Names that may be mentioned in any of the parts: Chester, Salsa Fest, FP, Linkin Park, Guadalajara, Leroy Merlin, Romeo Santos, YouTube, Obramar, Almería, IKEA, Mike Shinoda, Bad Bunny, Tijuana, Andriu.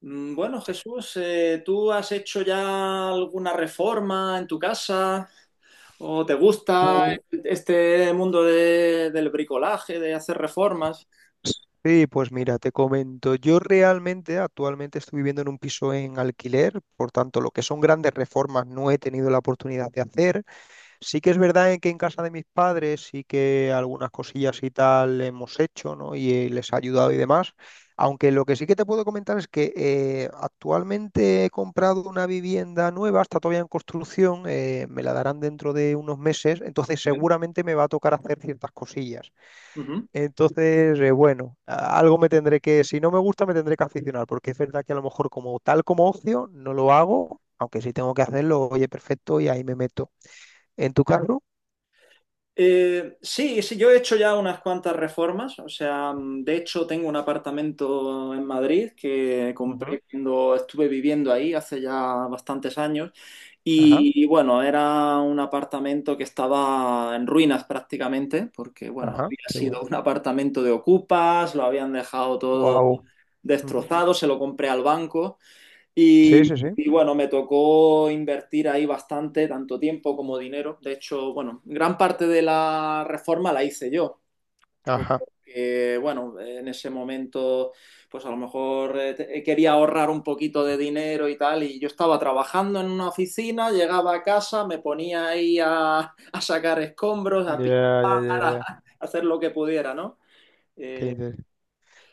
Bueno, Jesús, ¿tú has hecho ya alguna reforma en tu casa? ¿O te gusta Uh, este mundo del bricolaje, de hacer reformas? Sí, pues mira, te comento, yo realmente actualmente estoy viviendo en un piso en alquiler, por tanto, lo que son grandes reformas no he tenido la oportunidad de hacer. Sí que es verdad en que en casa de mis padres sí que algunas cosillas y tal hemos hecho, ¿no? Y les ha ayudado y demás. Aunque lo que sí que te puedo comentar es que actualmente he comprado una vivienda nueva, está todavía en construcción, me la darán dentro de unos meses, entonces Bien. seguramente me va a tocar hacer ciertas cosillas. Entonces, bueno, algo me tendré que, si no me gusta, me tendré que aficionar, porque es verdad que a lo mejor como tal como ocio no lo hago, aunque si tengo que hacerlo, oye, perfecto, y ahí me meto. En tu caso... Sí, yo he hecho ya unas cuantas reformas, o sea, de hecho tengo un apartamento en Madrid que Ujú. compré cuando estuve viviendo ahí hace ya bastantes años Ajá, y bueno, era un apartamento que estaba en ruinas prácticamente porque, bueno, ajá, había qué sido bueno. un apartamento de ocupas, lo habían dejado todo Wow. destrozado, se lo compré al banco Sí, y, sí, sí. y bueno, me tocó invertir ahí bastante, tanto tiempo como dinero. De hecho, bueno, gran parte de la reforma la hice yo, Ajá. porque bueno, en ese momento, pues a lo mejor quería ahorrar un poquito de dinero y tal, y yo estaba trabajando en una oficina, llegaba a casa, me ponía ahí a, a sacar escombros, a Ya, pintar, ya, ya, ya. a hacer lo que pudiera, ¿no? Qué Eh, interesante.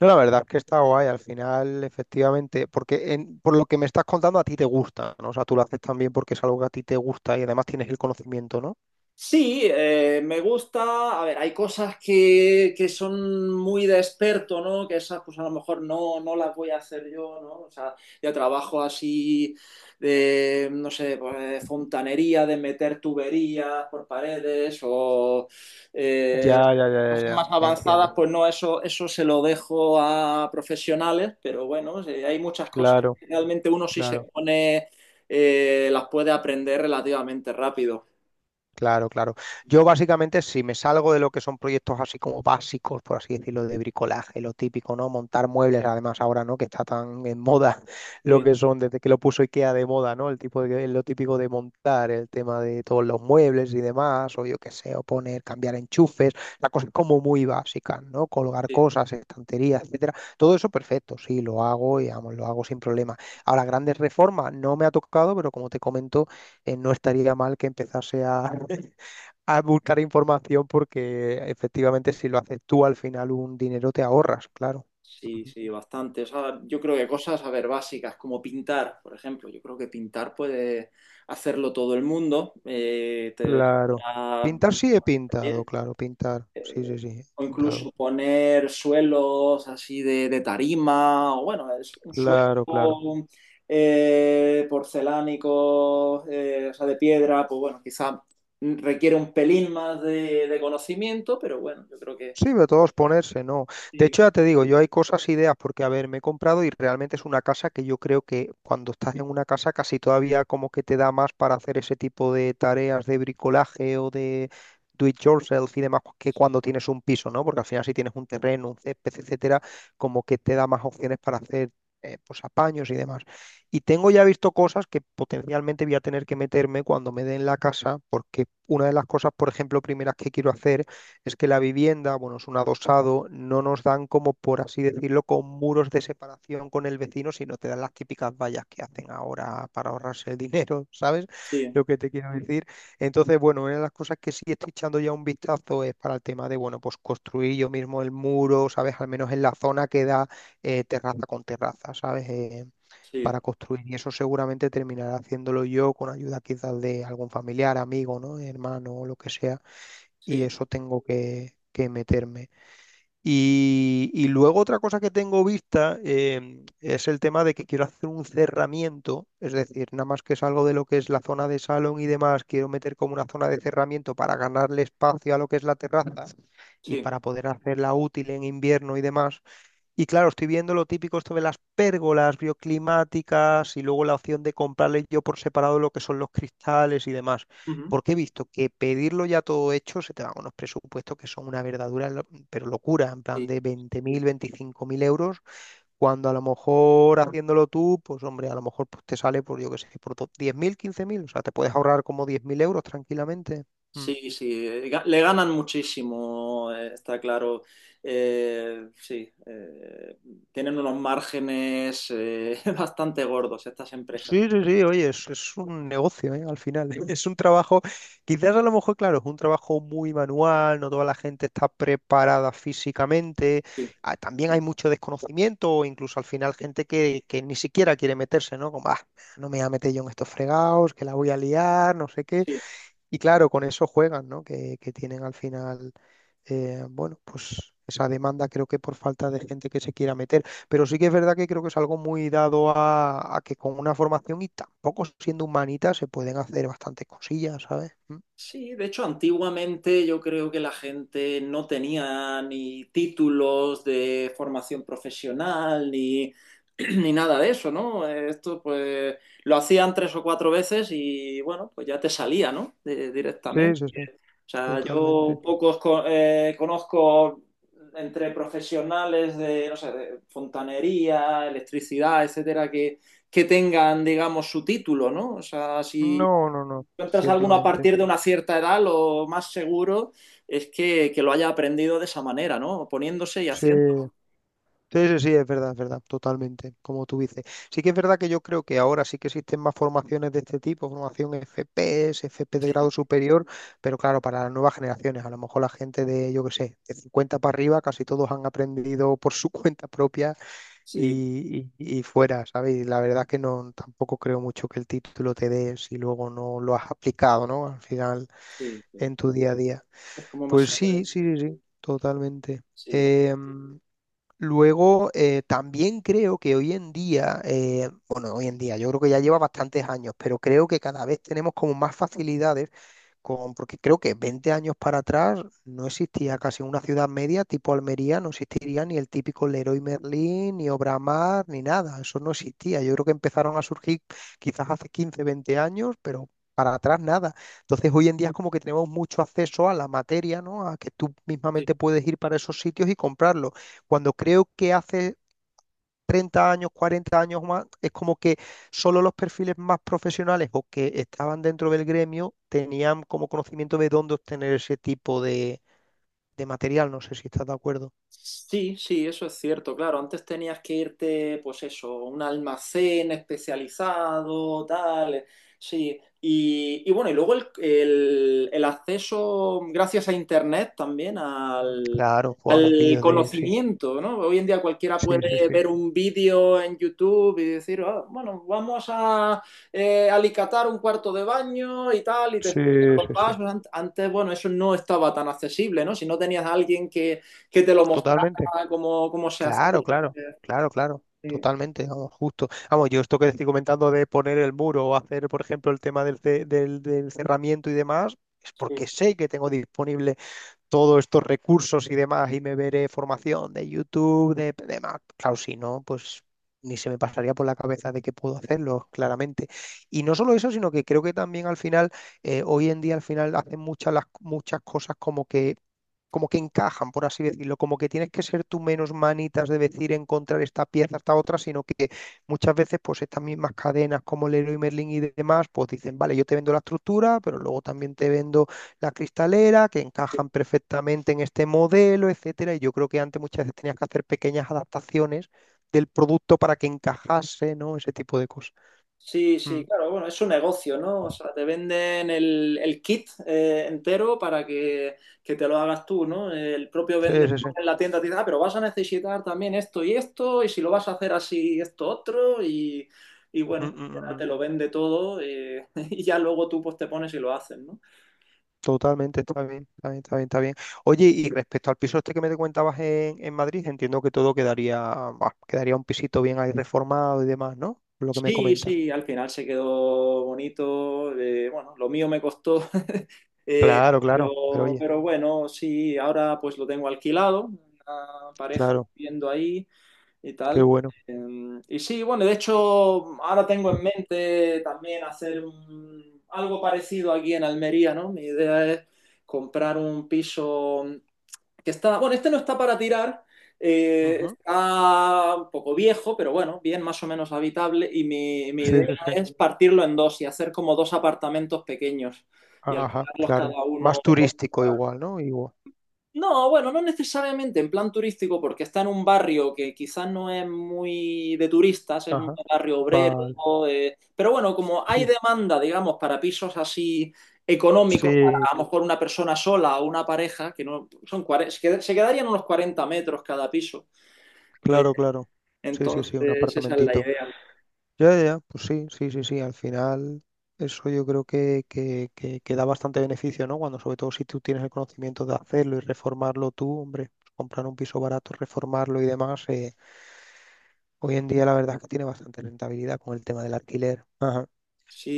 No, la verdad es que está guay. Al final, efectivamente, porque por lo que me estás contando, a ti te gusta, ¿no? O sea, tú lo haces también porque es algo que a ti te gusta y además tienes el conocimiento, ¿no? Sí, me gusta. A ver, hay cosas que, son muy de experto, ¿no? Que esas, pues a lo mejor no, no las voy a hacer yo, ¿no? O sea, yo trabajo así de, no sé, pues, de fontanería, de meter tuberías por paredes o eh, Ya, ya, ya, ya, cosas ya. más avanzadas, Entiendo. pues no, eso se lo dejo a profesionales, pero bueno, sí, hay muchas cosas Claro. que realmente uno si se Claro, pone, las puede aprender relativamente rápido. claro, claro. Yo básicamente, si me salgo de lo que son proyectos así como básicos, por así decirlo, de bricolaje, lo típico, ¿no? Montar muebles, además ahora, ¿no? Que está tan en moda lo Sí. que son, desde que lo puso IKEA de moda, ¿no? El tipo de, lo típico de montar, el tema de todos los muebles y demás, o yo qué sé, o poner, cambiar enchufes, las cosas como muy básicas, ¿no? Colgar Sí. cosas, estanterías, etcétera. Todo eso perfecto, sí, lo hago y vamos, lo hago sin problema. Ahora, grandes reformas no me ha tocado, pero como te comento, no estaría mal que empezase a, a buscar información porque efectivamente si lo haces tú al final un dinero te ahorras, claro. Sí, Ujú. sí, bastante. O sea, yo creo que cosas, a ver, básicas, como pintar, por ejemplo. Yo creo que pintar puede hacerlo todo el mundo. Claro. a- Pintar sí he pintado, claro, pintar. Sí, sí, sí, o he incluso pintado. poner suelos así de tarima, o bueno, es un suelo Claro, claro. Porcelánico, o sea, de piedra, pues bueno, quizá requiere un pelín más de conocimiento, pero bueno, yo creo que Sí, de todos ponerse, no. De sí, hecho, ya te digo, yo hay cosas, ideas, porque a ver, me he comprado y realmente es una casa que yo creo que cuando estás en una casa casi todavía como que te da más para hacer ese tipo de tareas de bricolaje o de do it yourself y demás que cuando tienes un piso, ¿no? Porque al final si tienes un terreno, un césped, etcétera, como que te da más opciones para hacer pues apaños y demás. Y tengo ya visto cosas que potencialmente voy a tener que meterme cuando me den la casa, porque una de las cosas, por ejemplo, primeras que quiero hacer es que la vivienda, bueno, es un adosado, no nos dan como, por así decirlo, con muros de separación con el vecino, sino te dan las típicas vallas que hacen ahora para ahorrarse el dinero, ¿sabes? sí, Lo que te quiero decir. Entonces, bueno, una de las cosas que sí estoy echando ya un vistazo es para el tema de, bueno, pues construir yo mismo el muro, ¿sabes? Al menos en la zona que da terraza con terraza, ¿sabes? Sí, Para construir. Y eso seguramente terminaré haciéndolo yo con ayuda quizás de algún familiar, amigo, ¿no? Hermano o lo que sea y sí, eso tengo que meterme. Y luego otra cosa que tengo vista es el tema de que quiero hacer un cerramiento, es decir, nada más que salgo de lo que es la zona de salón y demás, quiero meter como una zona de cerramiento para ganarle espacio a lo que es la terraza y sí. para poder hacerla útil en invierno y demás. Y claro, estoy viendo lo típico esto de las pérgolas bioclimáticas y luego la opción de comprarle yo por separado lo que son los cristales y demás. Ujú. Porque he visto que pedirlo ya todo hecho se te van unos presupuestos que son una verdadera, pero locura, en plan de 20.000, mil euros, cuando a lo mejor haciéndolo tú, pues hombre, a lo mejor pues, te sale por, yo qué sé, por 10.000, 15.000. O sea, te puedes ahorrar como 10.000 euros tranquilamente. Mm. Sí, sí, le ganan muchísimo, está claro. Sí, tienen unos márgenes bastante gordos estas empresas. Sí, sí, sí, oye, es un negocio, ¿eh? Al final, es un trabajo, quizás a lo mejor, claro, es un trabajo muy manual, no toda la gente está preparada físicamente, Sí, ah, también hay mucho desconocimiento, o incluso al final gente que ni siquiera quiere meterse, ¿no? Como, ah, no me voy a meter yo en estos fregados, que la voy a liar, no sé qué. sí. Y claro, con eso juegan, ¿no? Que tienen al final, bueno, pues esa demanda creo que por falta de gente que se quiera meter. Pero sí que es verdad que creo que es algo muy dado a que con una formación y tampoco siendo humanita se pueden hacer bastantes cosillas, ¿sabes? Mm. Sí, de hecho, antiguamente yo creo que la gente no tenía ni títulos de formación profesional ni, ni nada de eso, ¿no? Esto pues lo hacían tres o cuatro veces y bueno, pues ya te salía, ¿no? Sí, Directamente. sí, sí, O sea, totalmente. Conozco entre profesionales de, no sé, de fontanería, electricidad, etcétera, que tengan, digamos, su título, ¿no? O sea, si No, no, no, encuentras alguno a ciertamente. partir de una cierta edad, lo más seguro es que lo haya aprendido de esa manera, ¿no? Poniéndose y Sí. haciendo. Sí, sí, sí, es verdad, totalmente, como tú dices. Sí que es verdad que yo creo que ahora sí que existen más formaciones de este tipo, formación FPS, FP de Sí, grado superior, pero claro, para las nuevas generaciones, a lo mejor la gente de, yo qué sé, de 50 para arriba, casi todos han aprendido por su cuenta propia sí, y fuera, ¿sabes? Y la verdad es que no, tampoco creo mucho que el título te dé si luego no lo has aplicado, ¿no? Al final, sí. Sí. en tu día a día. Es como más Pues sí, seguro. sí, sí, sí, totalmente. Sí, bueno. Em, Luego, también creo que hoy en día, bueno, hoy en día, yo creo que ya lleva bastantes años, pero creo que cada vez tenemos como más facilidades con, porque creo que 20 años para atrás no existía casi una ciudad media tipo Almería, no existiría ni el típico Leroy Merlin, ni Obramar, ni nada, eso no existía. Yo creo que empezaron a surgir quizás hace 15, 20 años, pero para atrás nada. Entonces hoy en día es como que tenemos mucho acceso a la materia, ¿no? A que tú mismamente puedes ir para esos sitios y comprarlo. Cuando creo que hace 30 años, 40 años más, es como que solo los perfiles más profesionales o que estaban dentro del gremio tenían como conocimiento de dónde obtener ese tipo de material. No sé si estás de acuerdo. Sí, sí, eso es cierto, claro. Antes tenías que irte, pues eso, a un almacén especializado, tal. Sí, y bueno, y luego el acceso, gracias a Internet también, Mm. al, Claro, o a los al vídeos de... Sí, conocimiento, ¿no? Hoy en día cualquiera sí, sí, puede sí. ver un vídeo en YouTube y decir, "Ah, bueno, vamos a alicatar un cuarto de baño y tal, y te Sí, explica los sí, sí. pasos. Antes, bueno, eso no estaba tan accesible, ¿no? Si no tenías a alguien que te lo Totalmente. mostrara cómo, cómo se Claro, hacía. claro, claro, claro. Sí, Totalmente, vamos, justo. Vamos, yo esto que te estoy comentando de poner el muro o hacer, por ejemplo, el tema del, del, del cerramiento y demás, es sí, porque sé que tengo disponible todos estos recursos y demás y me veré formación de YouTube, de demás. Claro, si no, pues ni se me pasaría por la cabeza de que puedo hacerlo, claramente. Y no solo eso, sino que creo que también al final, hoy en día al final hacen muchas, las, muchas cosas como que encajan, por así decirlo, como que tienes que ser tú menos manitas de decir encontrar esta pieza, esta otra, sino que muchas veces pues estas mismas cadenas como Leroy Merlin y demás, pues dicen, vale, yo te vendo la estructura, pero luego también te vendo la cristalera, que sí. encajan perfectamente en este modelo, etcétera, y yo creo que antes muchas veces tenías que hacer pequeñas adaptaciones del producto para que encajase, ¿no? Ese tipo de cosas. Sí, sí, Mm. claro, bueno, es un negocio, ¿no? O sea, te venden el kit entero para que te lo hagas tú, ¿no? El propio Sí, vendedor sí, sí. en la tienda te dice, ah, pero vas a necesitar también esto y esto, y si lo vas a hacer así, esto otro, y Mm, bueno, mm, ya te mm. lo vende todo, y ya luego tú pues te pones y lo haces, ¿no? Totalmente, está bien, está bien, está bien, está bien. Oye, y respecto al piso este que me te comentabas en Madrid, entiendo que todo quedaría, bah, quedaría un pisito bien ahí reformado y demás, ¿no? Por lo que me Sí, comentas. sí, al final se quedó bonito. Bueno, lo mío me costó, eh, Claro, claro, pero oye, pero bueno, sí, ahora pues lo tengo alquilado, una pareja claro, viviendo ahí y qué tal. bueno. Y sí, bueno, de hecho, ahora tengo en mente también hacer algo parecido aquí en Almería, ¿no? Mi idea es comprar un piso que está, bueno, este no está para tirar, Ujú. está un poco viejo, pero bueno, bien, más o menos habitable, y mi Sí, idea sí, sí. es partirlo en dos y hacer como dos apartamentos pequeños y Ajá, alquilarlos claro. cada uno. Más turístico igual, ¿no? Igual. No, bueno, no necesariamente en plan turístico, porque está en un barrio que quizás no es muy de turistas, es un Ajá. barrio obrero, Vale, pero bueno, como hay sí. demanda, digamos, para pisos así económicos, para Sí, a lo mejor una persona sola o una pareja, que no son se quedarían unos 40 metros cada piso. eh, claro, claro. Sí, sí, entonces, sí, un esa es la apartamentito. idea. Ya, ya, ya, pues sí, sí, sí, sí, al final eso yo creo que da bastante beneficio, ¿no? Cuando sobre todo si tú tienes el conocimiento de hacerlo y reformarlo tú, hombre, pues comprar un piso barato, reformarlo y demás, hoy en día la verdad es que tiene bastante rentabilidad con el tema del alquiler.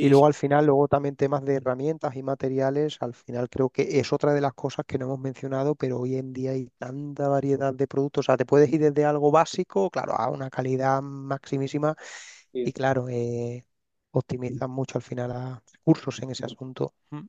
Y sí. luego al final, luego también temas de herramientas y materiales, al final creo que es otra de las cosas que no hemos mencionado, pero hoy en día hay tanta variedad de productos, o sea, te puedes ir desde algo básico, claro, a una calidad maximísima Sí. y claro, optimizan mucho al final a recursos en ese asunto. Mm.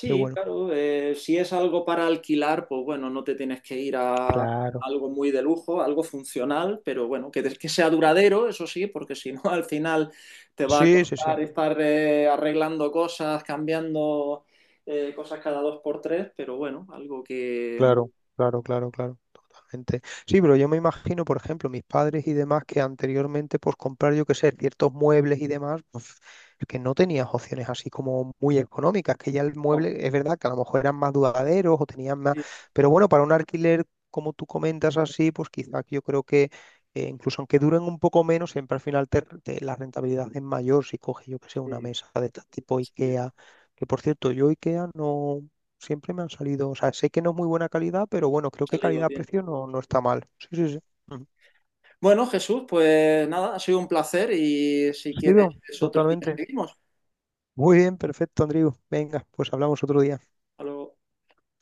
Qué bueno. claro, si es algo para alquilar, pues bueno, no te tienes que ir a Claro. algo muy de lujo, algo funcional, pero bueno, que sea duradero, eso sí, porque si no, al final te va a Sí, sí, sí. costar estar arreglando cosas, cambiando cosas cada dos por tres, pero bueno, algo que... Claro, claro, claro, claro, totalmente. Sí, pero yo me imagino, por ejemplo, mis padres y demás que anteriormente, pues comprar, yo qué sé, ciertos muebles y demás, pues que no tenías opciones así como muy económicas, que ya el Oh. mueble, es verdad que a lo mejor eran más duraderos o tenían más, Sí, pero bueno, para un alquiler, como tú comentas así, pues quizás yo creo que incluso aunque duren un poco menos, siempre al final la rentabilidad es mayor si coges, yo qué sé, una sí, mesa de este tipo así es, IKEA. Que por cierto, yo IKEA no. Siempre me han salido, o sea, sé que no es muy buena calidad, pero bueno, creo ha que salido bien, calidad-precio ¿no? no, no está mal. Sí, sí, sí. Ujú. Bueno, Jesús, pues nada, ha sido un placer y si quieres Sido, otro día totalmente. seguimos. Muy bien, perfecto, Andriu. Venga, pues hablamos otro día. Hasta luego.